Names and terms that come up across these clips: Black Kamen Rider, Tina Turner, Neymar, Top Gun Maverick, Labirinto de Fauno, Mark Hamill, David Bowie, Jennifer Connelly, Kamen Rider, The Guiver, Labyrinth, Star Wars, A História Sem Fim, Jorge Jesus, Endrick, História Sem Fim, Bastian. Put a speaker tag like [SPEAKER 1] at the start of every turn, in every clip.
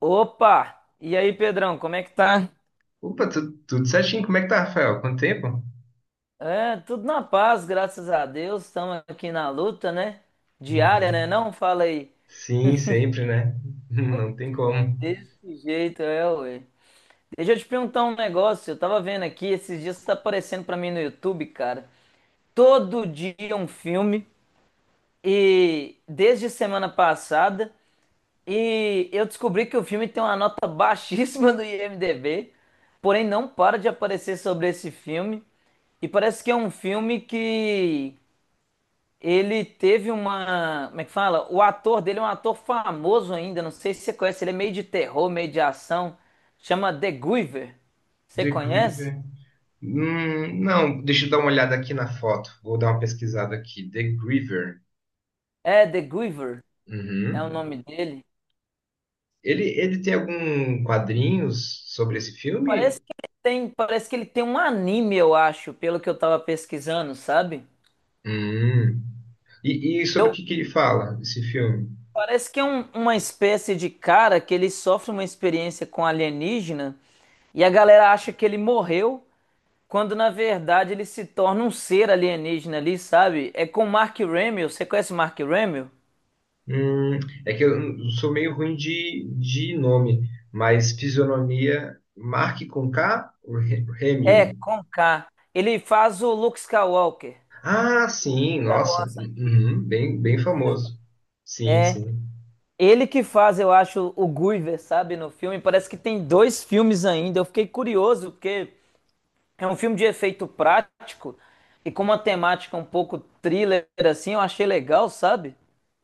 [SPEAKER 1] Opa! E aí, Pedrão, como é que tá?
[SPEAKER 2] Opa, tudo certinho. Como é que tá, Rafael? Quanto tempo?
[SPEAKER 1] É, tudo na paz, graças a Deus. Estamos aqui na luta, né? Diária,
[SPEAKER 2] Uhum.
[SPEAKER 1] né? Não fala aí.
[SPEAKER 2] Sim, sempre, né? Não tem como.
[SPEAKER 1] Desse jeito, é, ué. Deixa eu te perguntar um negócio. Eu tava vendo aqui, esses dias tá aparecendo pra mim no YouTube, cara. Todo dia um filme. E desde semana passada. E eu descobri que o filme tem uma nota baixíssima do IMDb, porém não para de aparecer sobre esse filme. E parece que é um filme que ele teve uma. Como é que fala? O ator dele é um ator famoso ainda, não sei se você conhece, ele é meio de terror, meio de ação. Chama The Guiver. Você
[SPEAKER 2] The
[SPEAKER 1] conhece?
[SPEAKER 2] Griever. Não, deixa eu dar uma olhada aqui na foto. Vou dar uma pesquisada aqui. The Griever.
[SPEAKER 1] É, The Guiver é o
[SPEAKER 2] Uhum.
[SPEAKER 1] nome dele.
[SPEAKER 2] Ele tem algum quadrinhos sobre esse
[SPEAKER 1] Parece
[SPEAKER 2] filme?
[SPEAKER 1] que ele tem, parece que ele tem um anime, eu acho, pelo que eu tava pesquisando, sabe?
[SPEAKER 2] Hum. E sobre o
[SPEAKER 1] Eu
[SPEAKER 2] que que ele fala, esse filme?
[SPEAKER 1] Parece que é uma espécie de cara que ele sofre uma experiência com alienígena e a galera acha que ele morreu, quando na verdade ele se torna um ser alienígena ali, sabe? É com Mark Hamill, você conhece Mark Hamill?
[SPEAKER 2] Hum, é que eu sou meio ruim de nome, mas fisionomia, Mark com K, ou
[SPEAKER 1] É,
[SPEAKER 2] Hamill.
[SPEAKER 1] com K. Ele faz o Luke Skywalker,
[SPEAKER 2] Ah, sim,
[SPEAKER 1] Star
[SPEAKER 2] nossa.
[SPEAKER 1] Wars antigo.
[SPEAKER 2] Uhum, bem, bem famoso. Sim,
[SPEAKER 1] É,
[SPEAKER 2] sim.
[SPEAKER 1] ele que faz, eu acho, o Guyver, sabe, no filme. Parece que tem dois filmes ainda. Eu fiquei curioso, porque é um filme de efeito prático e com uma temática um pouco thriller, assim, eu achei legal, sabe?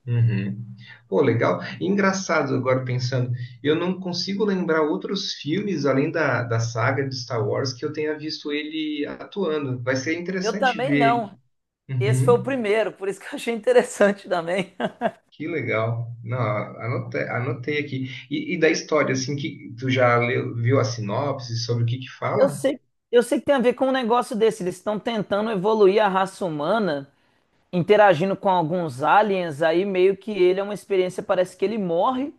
[SPEAKER 2] Uhum. Pô, legal. Engraçado agora pensando, eu não consigo lembrar outros filmes além da saga de Star Wars que eu tenha visto ele atuando. Vai ser
[SPEAKER 1] Eu
[SPEAKER 2] interessante
[SPEAKER 1] também
[SPEAKER 2] ver.
[SPEAKER 1] não. Esse foi o
[SPEAKER 2] Uhum.
[SPEAKER 1] primeiro, por isso que eu achei interessante também.
[SPEAKER 2] Que legal. Não, anotei, aqui. E da história, assim, que tu viu a sinopse sobre o que que
[SPEAKER 1] Eu
[SPEAKER 2] fala?
[SPEAKER 1] sei, eu sei que tem a ver com um negócio desse. Eles estão tentando evoluir a raça humana, interagindo com alguns aliens, aí meio que ele é uma experiência, parece que ele morre.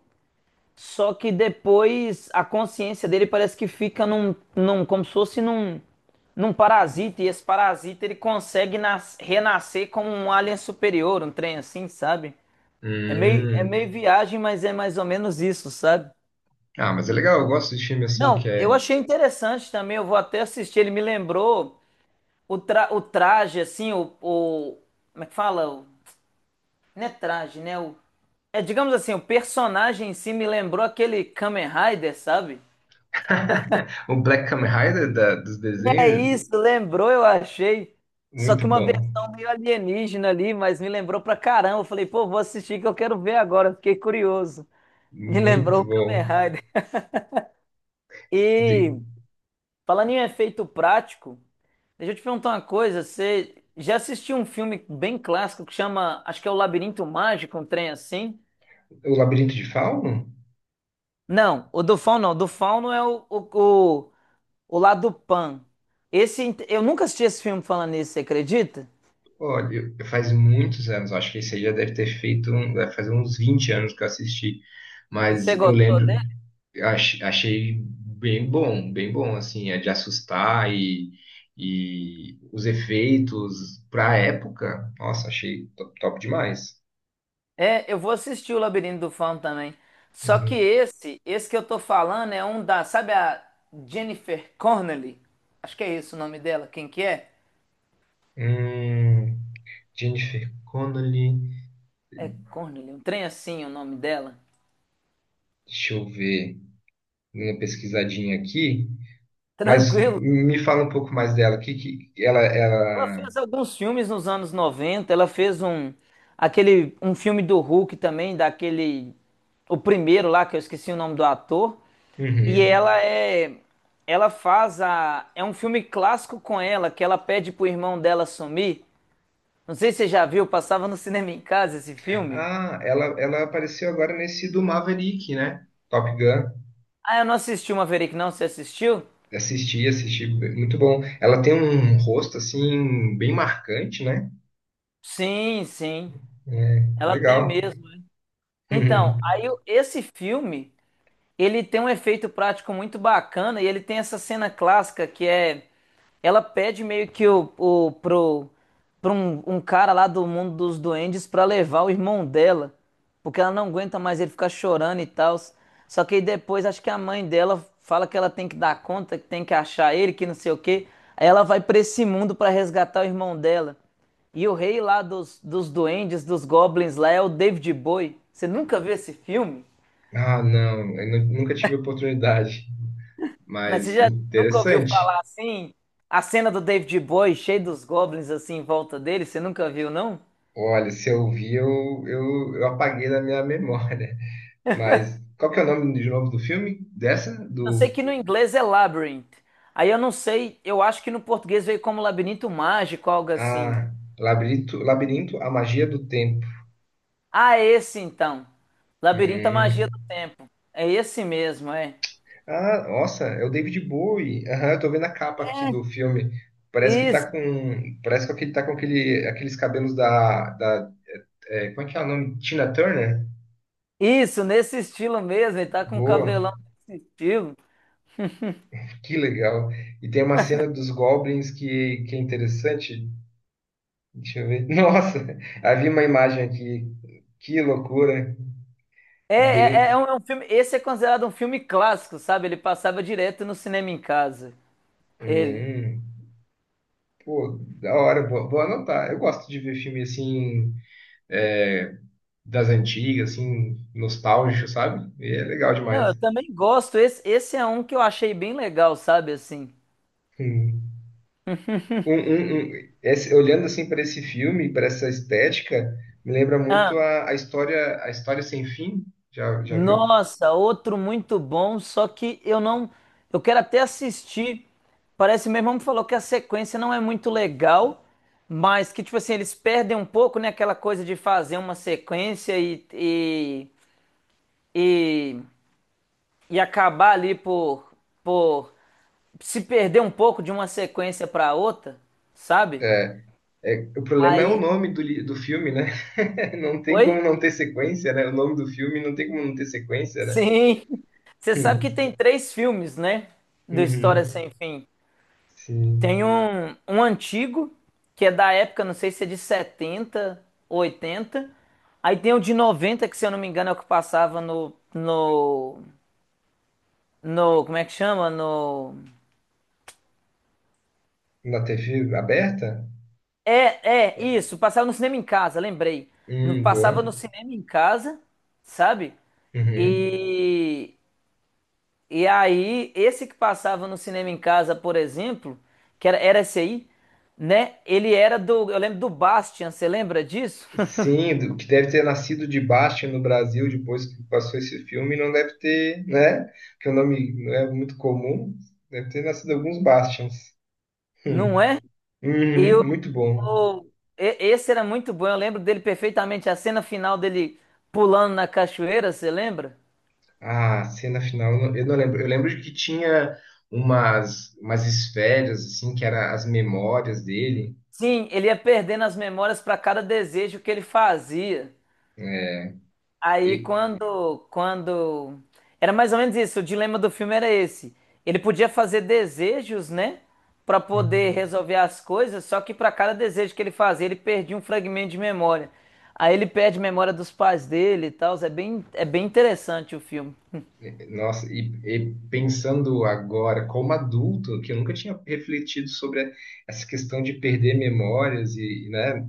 [SPEAKER 1] Só que depois a consciência dele parece que fica como se fosse num parasita, e esse parasita ele consegue renascer como um alien superior, um trem assim, sabe? É meio, é
[SPEAKER 2] Hum.
[SPEAKER 1] meio viagem, mas é mais ou menos isso, sabe?
[SPEAKER 2] Ah, mas é legal, eu gosto de filme assim que
[SPEAKER 1] Não, eu
[SPEAKER 2] é.
[SPEAKER 1] achei interessante também, eu vou até assistir, ele me lembrou o traje, assim, como é que fala? Não é traje, né? Digamos assim, o personagem em si me lembrou aquele Kamen Rider, sabe?
[SPEAKER 2] O Black Kamen Rider dos
[SPEAKER 1] É
[SPEAKER 2] desenhos,
[SPEAKER 1] isso, lembrou, eu achei. Só que
[SPEAKER 2] muito
[SPEAKER 1] uma
[SPEAKER 2] bom,
[SPEAKER 1] versão meio alienígena ali, mas me lembrou pra caramba. Eu falei, pô, vou assistir que eu quero ver agora. Fiquei curioso. Me lembrou
[SPEAKER 2] muito
[SPEAKER 1] o Kamen
[SPEAKER 2] bom.
[SPEAKER 1] Rider.
[SPEAKER 2] De-
[SPEAKER 1] E falando em efeito prático, deixa eu te perguntar uma coisa. Você já assistiu um filme bem clássico que chama, acho que é O Labirinto Mágico, um trem assim?
[SPEAKER 2] o Labirinto de Fauno?
[SPEAKER 1] Não, o do Fauno não. O do Fauno é o lá do Pan. Esse, eu nunca assisti esse filme falando nisso, você acredita?
[SPEAKER 2] Olha, faz muitos anos, acho que esse aí já deve ter feito, deve fazer uns 20 anos que eu assisti,
[SPEAKER 1] E você
[SPEAKER 2] mas eu
[SPEAKER 1] gostou?
[SPEAKER 2] lembro, achei bem bom, assim, é de assustar e os efeitos pra época, nossa, achei top, top demais.
[SPEAKER 1] É, eu vou assistir o Labirinto do Fauno também. Só que
[SPEAKER 2] Uhum.
[SPEAKER 1] esse que eu tô falando é um da, sabe a Jennifer Connelly? Acho que é esse o nome dela. Quem que é?
[SPEAKER 2] Hum, Jennifer Connelly.
[SPEAKER 1] É Connelly, um trem assim o nome dela.
[SPEAKER 2] Deixa eu ver, dei uma pesquisadinha aqui. Mas
[SPEAKER 1] Tranquilo.
[SPEAKER 2] me fala um pouco mais dela. Que, que ela,
[SPEAKER 1] Ela
[SPEAKER 2] ela...
[SPEAKER 1] fez alguns filmes nos anos 90. Ela fez um aquele um filme do Hulk também, daquele o primeiro lá que eu esqueci o nome do ator, e
[SPEAKER 2] Uhum.
[SPEAKER 1] ela é ela faz a é um filme clássico com ela que ela pede pro irmão dela sumir. Não sei se você já viu, passava no cinema em casa esse filme.
[SPEAKER 2] Ah, ela apareceu agora nesse do Maverick, né? Top Gun.
[SPEAKER 1] Ah, eu não assisti uma Verei não, você assistiu?
[SPEAKER 2] Assisti, assisti, muito bom. Ela tem um rosto assim bem marcante, né?
[SPEAKER 1] Sim, sim.
[SPEAKER 2] É,
[SPEAKER 1] Ela tem
[SPEAKER 2] legal.
[SPEAKER 1] mesmo. Então,
[SPEAKER 2] Uhum.
[SPEAKER 1] aí o- esse filme, ele tem um efeito prático muito bacana e ele tem essa cena clássica que é ela pede meio que pro um cara lá do mundo dos duendes pra levar o irmão dela, porque ela não aguenta mais ele ficar chorando e tal. Só que aí depois acho que a mãe dela fala que ela tem que dar conta, que tem que achar ele, que não sei o quê. Aí ela vai pra esse mundo pra resgatar o irmão dela. E o rei lá dos duendes, dos goblins lá é o David Bowie. Você nunca viu esse filme?
[SPEAKER 2] Ah, não, nunca tive oportunidade,
[SPEAKER 1] Mas você
[SPEAKER 2] mas
[SPEAKER 1] já nunca ouviu
[SPEAKER 2] interessante.
[SPEAKER 1] falar assim? A cena do David Bowie cheio dos goblins assim em volta dele, você nunca viu, não?
[SPEAKER 2] Olha, se eu vi, eu apaguei da minha memória. Mas qual que é o nome de novo do filme? Dessa?
[SPEAKER 1] Eu sei
[SPEAKER 2] Do.
[SPEAKER 1] que no inglês é Labyrinth. Aí eu não sei, eu acho que no português veio como Labirinto Mágico, algo assim.
[SPEAKER 2] Ah, Labirinto, Labirinto, a Magia do Tempo.
[SPEAKER 1] Ah, é esse então. Labirinto é a
[SPEAKER 2] Hum.
[SPEAKER 1] Magia do Tempo. É esse mesmo, é.
[SPEAKER 2] Ah, nossa, é o David Bowie. Aham, eu tô vendo a capa aqui do filme. Parece que tá
[SPEAKER 1] Isso,
[SPEAKER 2] com. Parece que ele tá com aquele, aqueles cabelos da é, como é que é o nome? Tina Turner?
[SPEAKER 1] isso, nesse estilo mesmo. Ele tá com um
[SPEAKER 2] Boa,
[SPEAKER 1] cabelão nesse estilo.
[SPEAKER 2] que legal. E tem uma cena dos Goblins que é interessante. Deixa eu ver. Nossa, havia uma imagem aqui. Que loucura.
[SPEAKER 1] É, é, é é
[SPEAKER 2] Bem.
[SPEAKER 1] um, é um filme. Esse é considerado um filme clássico, sabe? Ele passava direto no cinema em casa. Ele.
[SPEAKER 2] hum. Pô, da hora, vou, vou anotar. Eu gosto de ver filme assim, é, das antigas, assim, nostálgico, sabe? E é legal
[SPEAKER 1] Não, eu
[SPEAKER 2] demais.
[SPEAKER 1] também gosto. Esse é um que eu achei bem legal, sabe, assim.
[SPEAKER 2] Hum. Olhando assim para esse filme, para essa estética, me lembra
[SPEAKER 1] Ah,
[SPEAKER 2] muito a história, a história sem fim. Já, já viu?
[SPEAKER 1] nossa, outro muito bom, só que eu não. Eu quero até assistir. Parece, meu irmão me falou que a sequência não é muito legal, mas que, tipo assim, eles perdem um pouco, né? Aquela coisa de fazer uma sequência e, e acabar ali por se perder um pouco de uma sequência para outra, sabe?
[SPEAKER 2] É, é, o problema é o
[SPEAKER 1] Aí.
[SPEAKER 2] nome do filme, né? Não tem
[SPEAKER 1] Oi?
[SPEAKER 2] como não ter sequência, né? O nome do filme não tem como não ter sequência, né?
[SPEAKER 1] Sim. Você sabe que
[SPEAKER 2] Hum.
[SPEAKER 1] tem três filmes, né? Do História
[SPEAKER 2] Uhum.
[SPEAKER 1] Sem Fim.
[SPEAKER 2] Sim.
[SPEAKER 1] Tem um antigo, que é da época, não sei se é de 70 80. Aí tem o de 90 que se eu não me engano é o que passava no. No. No como é que chama? No.
[SPEAKER 2] Na TV aberta?
[SPEAKER 1] É, é, isso. Passava no cinema em casa, lembrei. No, passava
[SPEAKER 2] Boa.
[SPEAKER 1] no cinema em casa, sabe?
[SPEAKER 2] Uhum.
[SPEAKER 1] E E aí, esse que passava no cinema em casa, por exemplo, que era esse aí, né? Ele era do. Eu lembro do Bastian, você lembra disso?
[SPEAKER 2] Sim, o que deve ter nascido de Bastien no Brasil depois que passou esse filme não deve ter, né? Que o nome não é muito comum, deve ter nascido alguns Bastians.
[SPEAKER 1] Não
[SPEAKER 2] Hum.
[SPEAKER 1] é? E
[SPEAKER 2] Uhum, muito bom.
[SPEAKER 1] o- esse era muito bom, eu lembro dele perfeitamente. A cena final dele pulando na cachoeira, você lembra?
[SPEAKER 2] Ah, cena final, eu não lembro. Eu lembro de que tinha umas, umas esferas, assim, que eram as memórias dele.
[SPEAKER 1] Sim, ele ia perdendo as memórias para cada desejo que ele fazia.
[SPEAKER 2] É,
[SPEAKER 1] Aí
[SPEAKER 2] E,
[SPEAKER 1] quando era mais ou menos isso, o dilema do filme era esse. Ele podia fazer desejos, né, pra poder resolver as coisas, só que pra cada desejo que ele fazia, ele perdia um fragmento de memória. Aí ele perde memória dos pais dele e tal, é bem interessante o filme.
[SPEAKER 2] Nossa, e pensando agora como adulto, que eu nunca tinha refletido sobre essa questão de perder memórias e, né?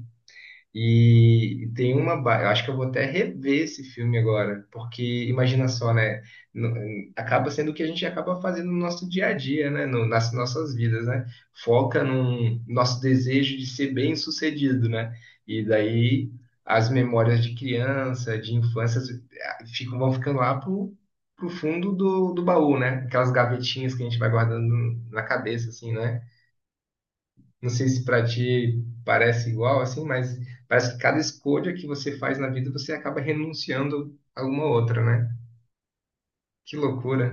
[SPEAKER 2] E, eu acho que eu vou até rever esse filme agora, porque imagina só, né? Acaba sendo o que a gente acaba fazendo no nosso dia a dia, né? Nas nossas vidas, né? Foca no nosso desejo de ser bem-sucedido, né? E daí as memórias de criança, de infância, ficam, vão ficando lá pro fundo do baú, né? Aquelas gavetinhas que a gente vai guardando na cabeça, assim, né? Não sei se para ti parece igual assim, mas parece que cada escolha que você faz na vida você acaba renunciando a alguma outra, né? Que loucura.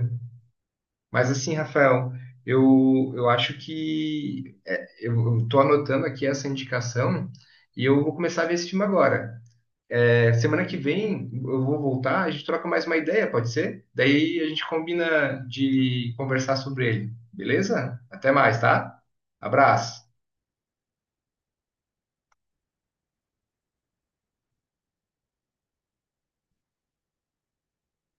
[SPEAKER 2] Mas assim, Rafael, eu acho que é, eu estou anotando aqui essa indicação e eu vou começar a ver esse filme agora. É, semana que vem eu vou voltar, a gente troca mais uma ideia, pode ser? Daí a gente combina de conversar sobre ele, beleza? Até mais, tá? Abraço.